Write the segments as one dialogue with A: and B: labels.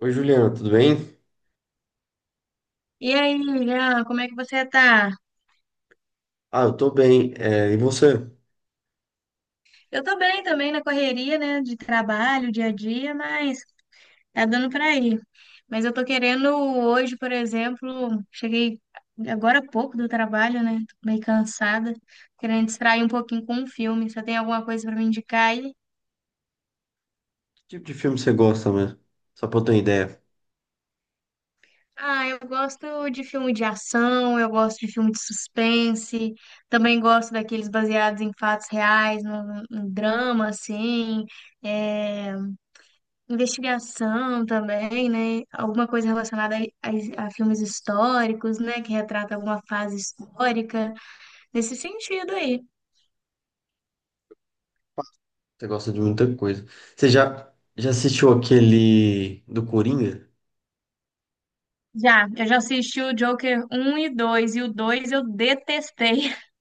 A: Oi, Juliana, tudo bem?
B: E aí, Jean, como é que você tá?
A: Ah, eu tô bem. É, e você?
B: Eu tô bem também na correria, né, de trabalho, dia a dia, mas tá dando pra ir. Mas eu tô querendo hoje, por exemplo, cheguei agora há pouco do trabalho, né, tô meio cansada, querendo distrair um pouquinho com um filme. Você tem alguma coisa pra me indicar aí?
A: Que tipo de filme você gosta mesmo? Só pra eu ter uma ideia.
B: Ah, eu gosto de filme de ação, eu gosto de filme de suspense, também gosto daqueles baseados em fatos reais, no drama, assim, é... Investigação também, né? Alguma coisa relacionada a filmes históricos, né? Que retrata alguma fase histórica, nesse sentido aí.
A: Você gosta de muita coisa. Você já assistiu aquele do Coringa?
B: Já, eu já assisti o Joker um e 2 e o 2 eu detestei.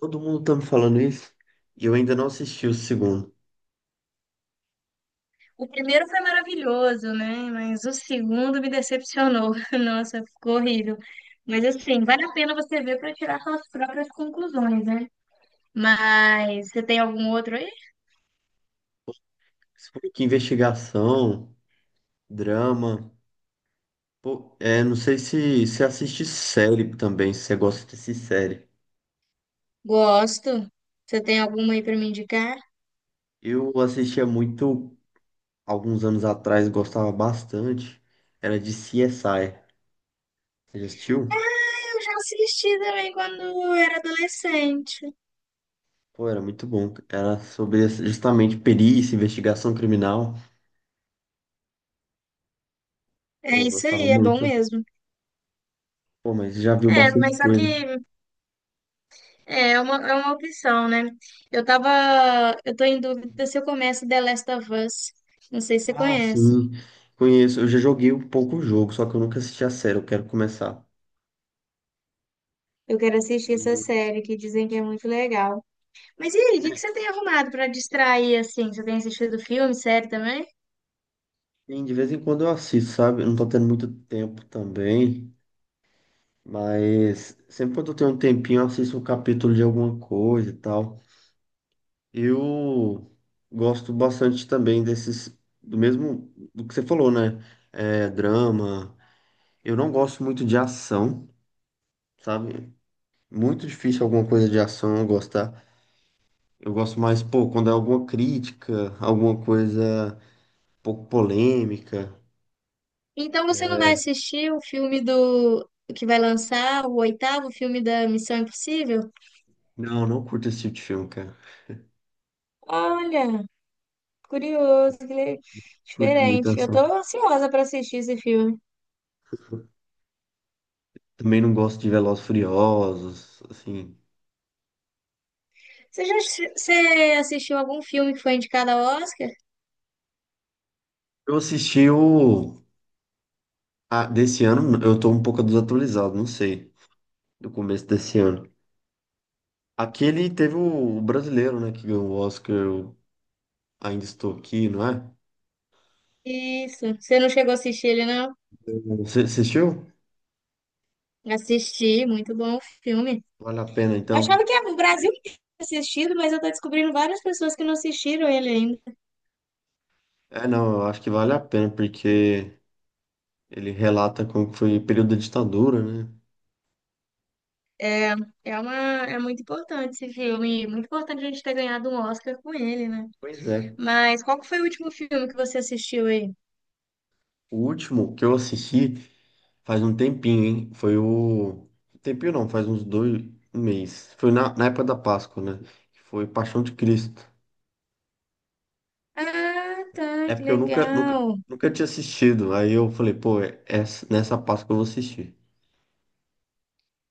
A: Todo mundo tá me falando isso e eu ainda não assisti o segundo.
B: O primeiro foi maravilhoso, né? Mas o segundo me decepcionou. Nossa, ficou horrível. Mas assim, vale a pena você ver para tirar suas próprias conclusões, né? Mas você tem algum outro aí?
A: Esse foi que investigação, drama. Pô, é, não sei se você assiste série também, se você gosta de assistir série.
B: Gosto. Você tem alguma aí para me indicar?
A: Eu assistia muito alguns anos atrás, gostava bastante. Era de CSI. Você já assistiu?
B: Eu já assisti também quando era adolescente.
A: Pô, era muito bom. Era sobre justamente perícia, investigação criminal.
B: É
A: Pô, eu
B: isso
A: gostava
B: aí, é bom
A: muito.
B: mesmo.
A: Pô, mas já viu
B: É,
A: bastante
B: mas só que
A: coisa.
B: é uma, é uma opção, né? Eu tava. Eu tô em dúvida se eu começo The Last of Us. Não sei se você
A: Ah,
B: conhece.
A: sim. Conheço. Eu já joguei um pouco o jogo, só que eu nunca assisti a série. Eu quero começar.
B: Eu quero assistir essa
A: E,
B: série que dizem que é muito legal. Mas e aí, o que
A: é,
B: que você tem arrumado pra distrair assim? Você tem assistido filme, série também?
A: sim, de vez em quando eu assisto, sabe? Eu não tô tendo muito tempo também. Mas sempre quando eu tenho um tempinho, eu assisto um capítulo de alguma coisa e tal. Eu gosto bastante também desses. Do mesmo. Do que você falou, né? É, drama. Eu não gosto muito de ação, sabe? Muito difícil alguma coisa de ação eu gostar. Eu gosto mais, pô, quando é alguma crítica, alguma coisa um pouco polêmica.
B: Então você não vai assistir o filme do que vai lançar o oitavo filme da Missão Impossível?
A: Não, não curto esse tipo de filme, cara.
B: Olha. Curioso,
A: Curto muito
B: diferente. Eu tô
A: ação.
B: ansiosa pra assistir esse filme.
A: Também não gosto de Velozes e Furiosos, assim.
B: Você assistiu algum filme que foi indicado ao Oscar?
A: Eu assisti o... desse ano, eu tô um pouco desatualizado, não sei, do começo desse ano. Aquele teve o brasileiro, né, que ganhou o Oscar, eu ainda estou aqui, não é?
B: Isso. Você não chegou a assistir ele, não?
A: Você assistiu?
B: Assisti, muito bom o filme.
A: Vale a pena,
B: Eu
A: então.
B: achava que o Brasil tinha assistido, mas eu tô descobrindo várias pessoas que não assistiram ele ainda.
A: É, não, eu acho que vale a pena, porque ele relata como que foi o período da ditadura, né?
B: É, é uma, é muito importante esse filme, e muito importante a gente ter ganhado um Oscar com ele, né?
A: Pois é.
B: Mas qual que foi o último filme que você assistiu aí?
A: O último que eu assisti faz um tempinho, hein? Foi o. Tempinho não, faz uns dois um mês. Foi na época da Páscoa, né? Foi Paixão de Cristo.
B: Ah, tá,
A: É
B: que
A: porque eu
B: legal.
A: nunca tinha assistido. Aí eu falei, pô, nessa Páscoa eu vou assistir.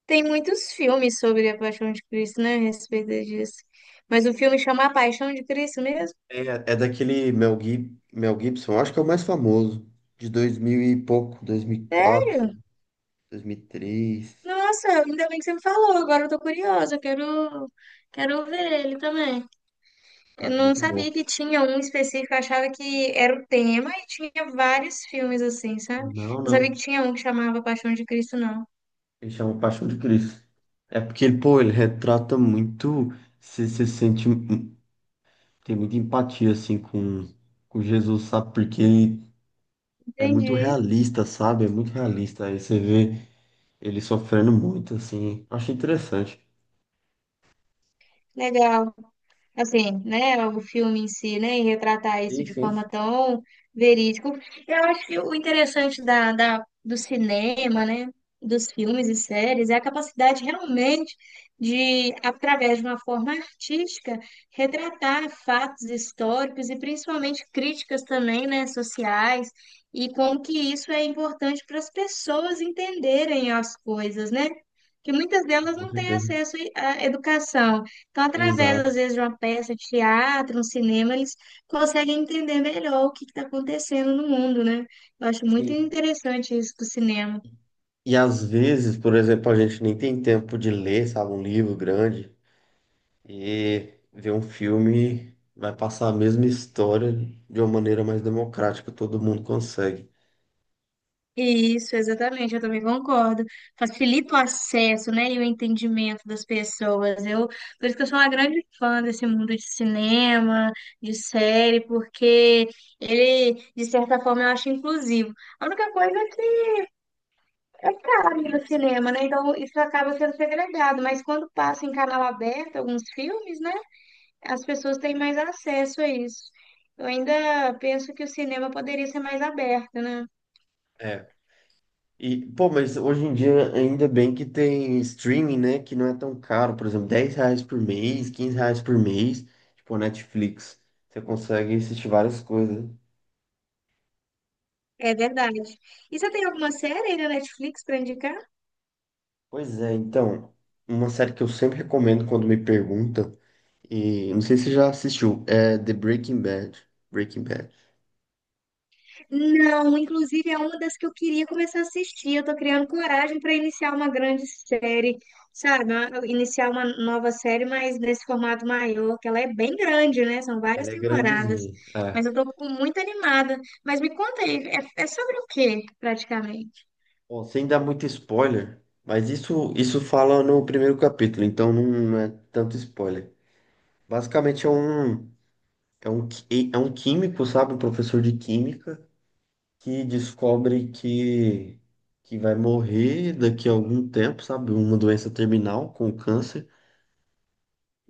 B: Tem muitos filmes sobre a Paixão de Cristo, né, a respeito disso. Mas o filme chama A Paixão de Cristo mesmo?
A: É, é daquele Mel Gibson, eu acho que é o mais famoso, de 2000 e pouco, 2004,
B: Sério?
A: 2003.
B: Nossa, ainda bem que você me falou, agora eu tô curiosa, quero ver ele também. Eu
A: Cara,
B: não
A: muito bom.
B: sabia que tinha um específico, eu achava que era o tema e tinha vários filmes assim, sabe?
A: Não,
B: Não sabia
A: não.
B: que tinha um que chamava Paixão de Cristo, não.
A: Ele chama Paixão de Cristo. É porque, ele, pô, ele retrata muito. Você se sente. Tem muita empatia, assim, com Jesus, sabe? Porque ele é muito
B: Entendi.
A: realista, sabe? É muito realista. Aí você vê ele sofrendo muito, assim. Achei interessante.
B: Legal. Assim, né, o filme em si, né, e retratar isso
A: Sim,
B: de
A: sim.
B: forma tão verídica. Eu acho que o interessante do cinema, né, dos filmes e séries é a capacidade realmente de, através de uma forma artística, retratar fatos históricos e principalmente críticas também, né, sociais. E como que isso é importante para as pessoas entenderem as coisas, né? Que muitas delas
A: Com
B: não têm
A: certeza.
B: acesso à educação. Então, através, às
A: Exato.
B: vezes, de uma peça de teatro, um cinema, eles conseguem entender melhor o que está acontecendo no mundo, né? Eu acho muito
A: Sim.
B: interessante isso do cinema.
A: E às vezes, por exemplo, a gente nem tem tempo de ler, sabe? Um livro grande. E ver um filme vai passar a mesma história de uma maneira mais democrática, todo mundo consegue.
B: Isso, exatamente, eu também concordo. Facilita o acesso, né, e o entendimento das pessoas. Eu, por isso que eu sou uma grande fã desse mundo de cinema, de série, porque ele, de certa forma, eu acho inclusivo. A única coisa é caro ir no cinema, né? Então isso acaba sendo segregado, mas quando passa em canal aberto alguns filmes, né? As pessoas têm mais acesso a isso. Eu ainda penso que o cinema poderia ser mais aberto, né?
A: É. E, pô, mas hoje em dia ainda bem que tem streaming, né? Que não é tão caro, por exemplo, R$ 10 por mês, R$ 15 por mês, tipo a Netflix. Você consegue assistir várias coisas.
B: É verdade. E você tem alguma série aí na Netflix para indicar?
A: Pois é, então, uma série que eu sempre recomendo quando me perguntam, e não sei se você já assistiu, é The Breaking Bad. Breaking Bad.
B: Não, inclusive é uma das que eu queria começar a assistir. Eu tô criando coragem para iniciar uma grande série, sabe? Iniciar uma nova série, mas nesse formato maior, que ela é bem grande, né? São várias
A: Ela é
B: temporadas.
A: grandezinha. É.
B: Muito animada. Mas me conta aí, é, é sobre o quê, praticamente?
A: Bom, sem dar muito spoiler, mas isso fala no primeiro capítulo, então não é tanto spoiler. Basicamente é um químico, sabe, um professor de química que descobre que vai morrer daqui a algum tempo, sabe, uma doença terminal com câncer,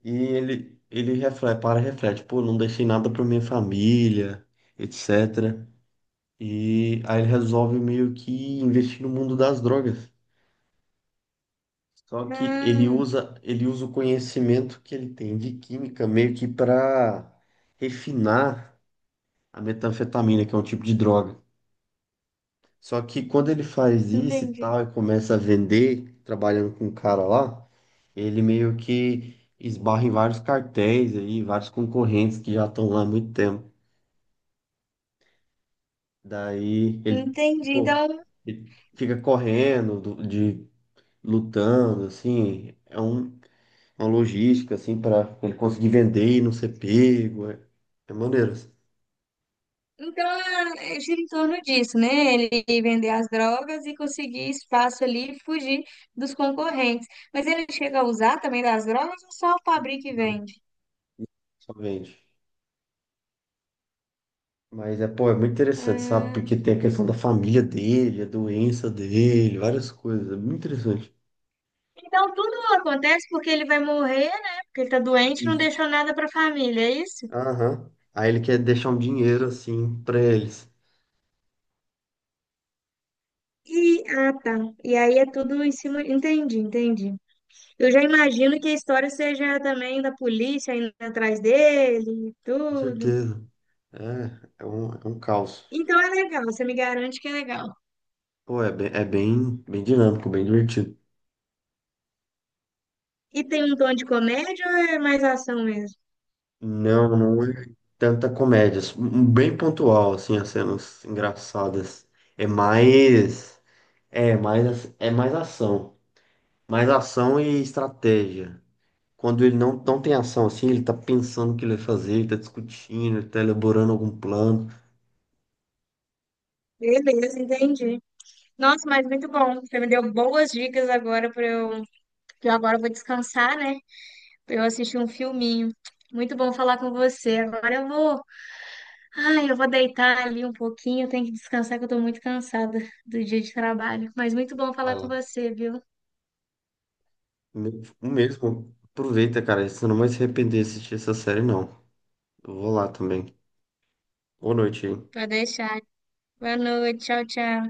A: e ele reflete, para e reflete, pô, não deixei nada para minha família, etc. E aí ele resolve meio que investir no mundo das drogas. Só que
B: Ah,
A: ele usa o conhecimento que ele tem de química meio que para refinar a metanfetamina, que é um tipo de droga. Só que quando ele faz isso e
B: entendi.
A: tal, e começa a vender, trabalhando com um cara lá, ele meio que esbarra em vários cartéis aí, vários concorrentes que já estão lá há muito tempo. Daí ele,
B: Entendi.
A: pô,
B: Então.
A: ele fica correndo, lutando, assim. Uma logística, assim, para ele conseguir vender e não ser pego. É, é maneiro. Assim.
B: Então, é, gira em torno disso, né? Ele vender as drogas e conseguir espaço ali e fugir dos concorrentes. Mas ele chega a usar também das drogas ou só fabrica e
A: Não,
B: vende?
A: só vende. Mas é, pô, é muito interessante, sabe?
B: Ah,
A: Porque tem a questão da família dele, a doença dele, várias coisas. É muito interessante.
B: então, tudo acontece porque ele vai morrer, né? Porque ele tá doente e não
A: Isso.
B: deixou nada pra família, é isso?
A: Aham. Aí ele quer deixar um dinheiro, assim, pra eles.
B: E, ah, tá. E aí é tudo em cima. Entendi, entendi. Eu já imagino que a história seja também da polícia indo atrás dele e
A: Com
B: tudo.
A: certeza. É, é um caos.
B: Então é legal, você me garante que é legal.
A: Pô, bem dinâmico, bem divertido.
B: E tem um tom de comédia ou é mais ação mesmo?
A: Não, não é tanta comédia. Bem pontual, assim, as cenas engraçadas. É mais. É mais ação. Mais ação e estratégia. Quando ele não, não tem ação, assim, ele tá pensando o que ele vai fazer, ele tá discutindo, ele tá elaborando algum plano.
B: Beleza, entendi. Nossa, mas muito bom. Você me deu boas dicas agora que eu agora vou descansar, né? Para eu assistir um filminho. Muito bom falar com você. Agora eu vou, ai, eu vou deitar ali um pouquinho, eu tenho que descansar que eu tô muito cansada do dia de trabalho. Mas muito bom
A: Vai
B: falar com
A: lá.
B: você, viu?
A: Mesmo, aproveita, cara. Você não vai se arrepender de assistir essa série, não. Eu vou lá também. Boa noite aí.
B: Pode deixar. Boa noite, tchau, tchau.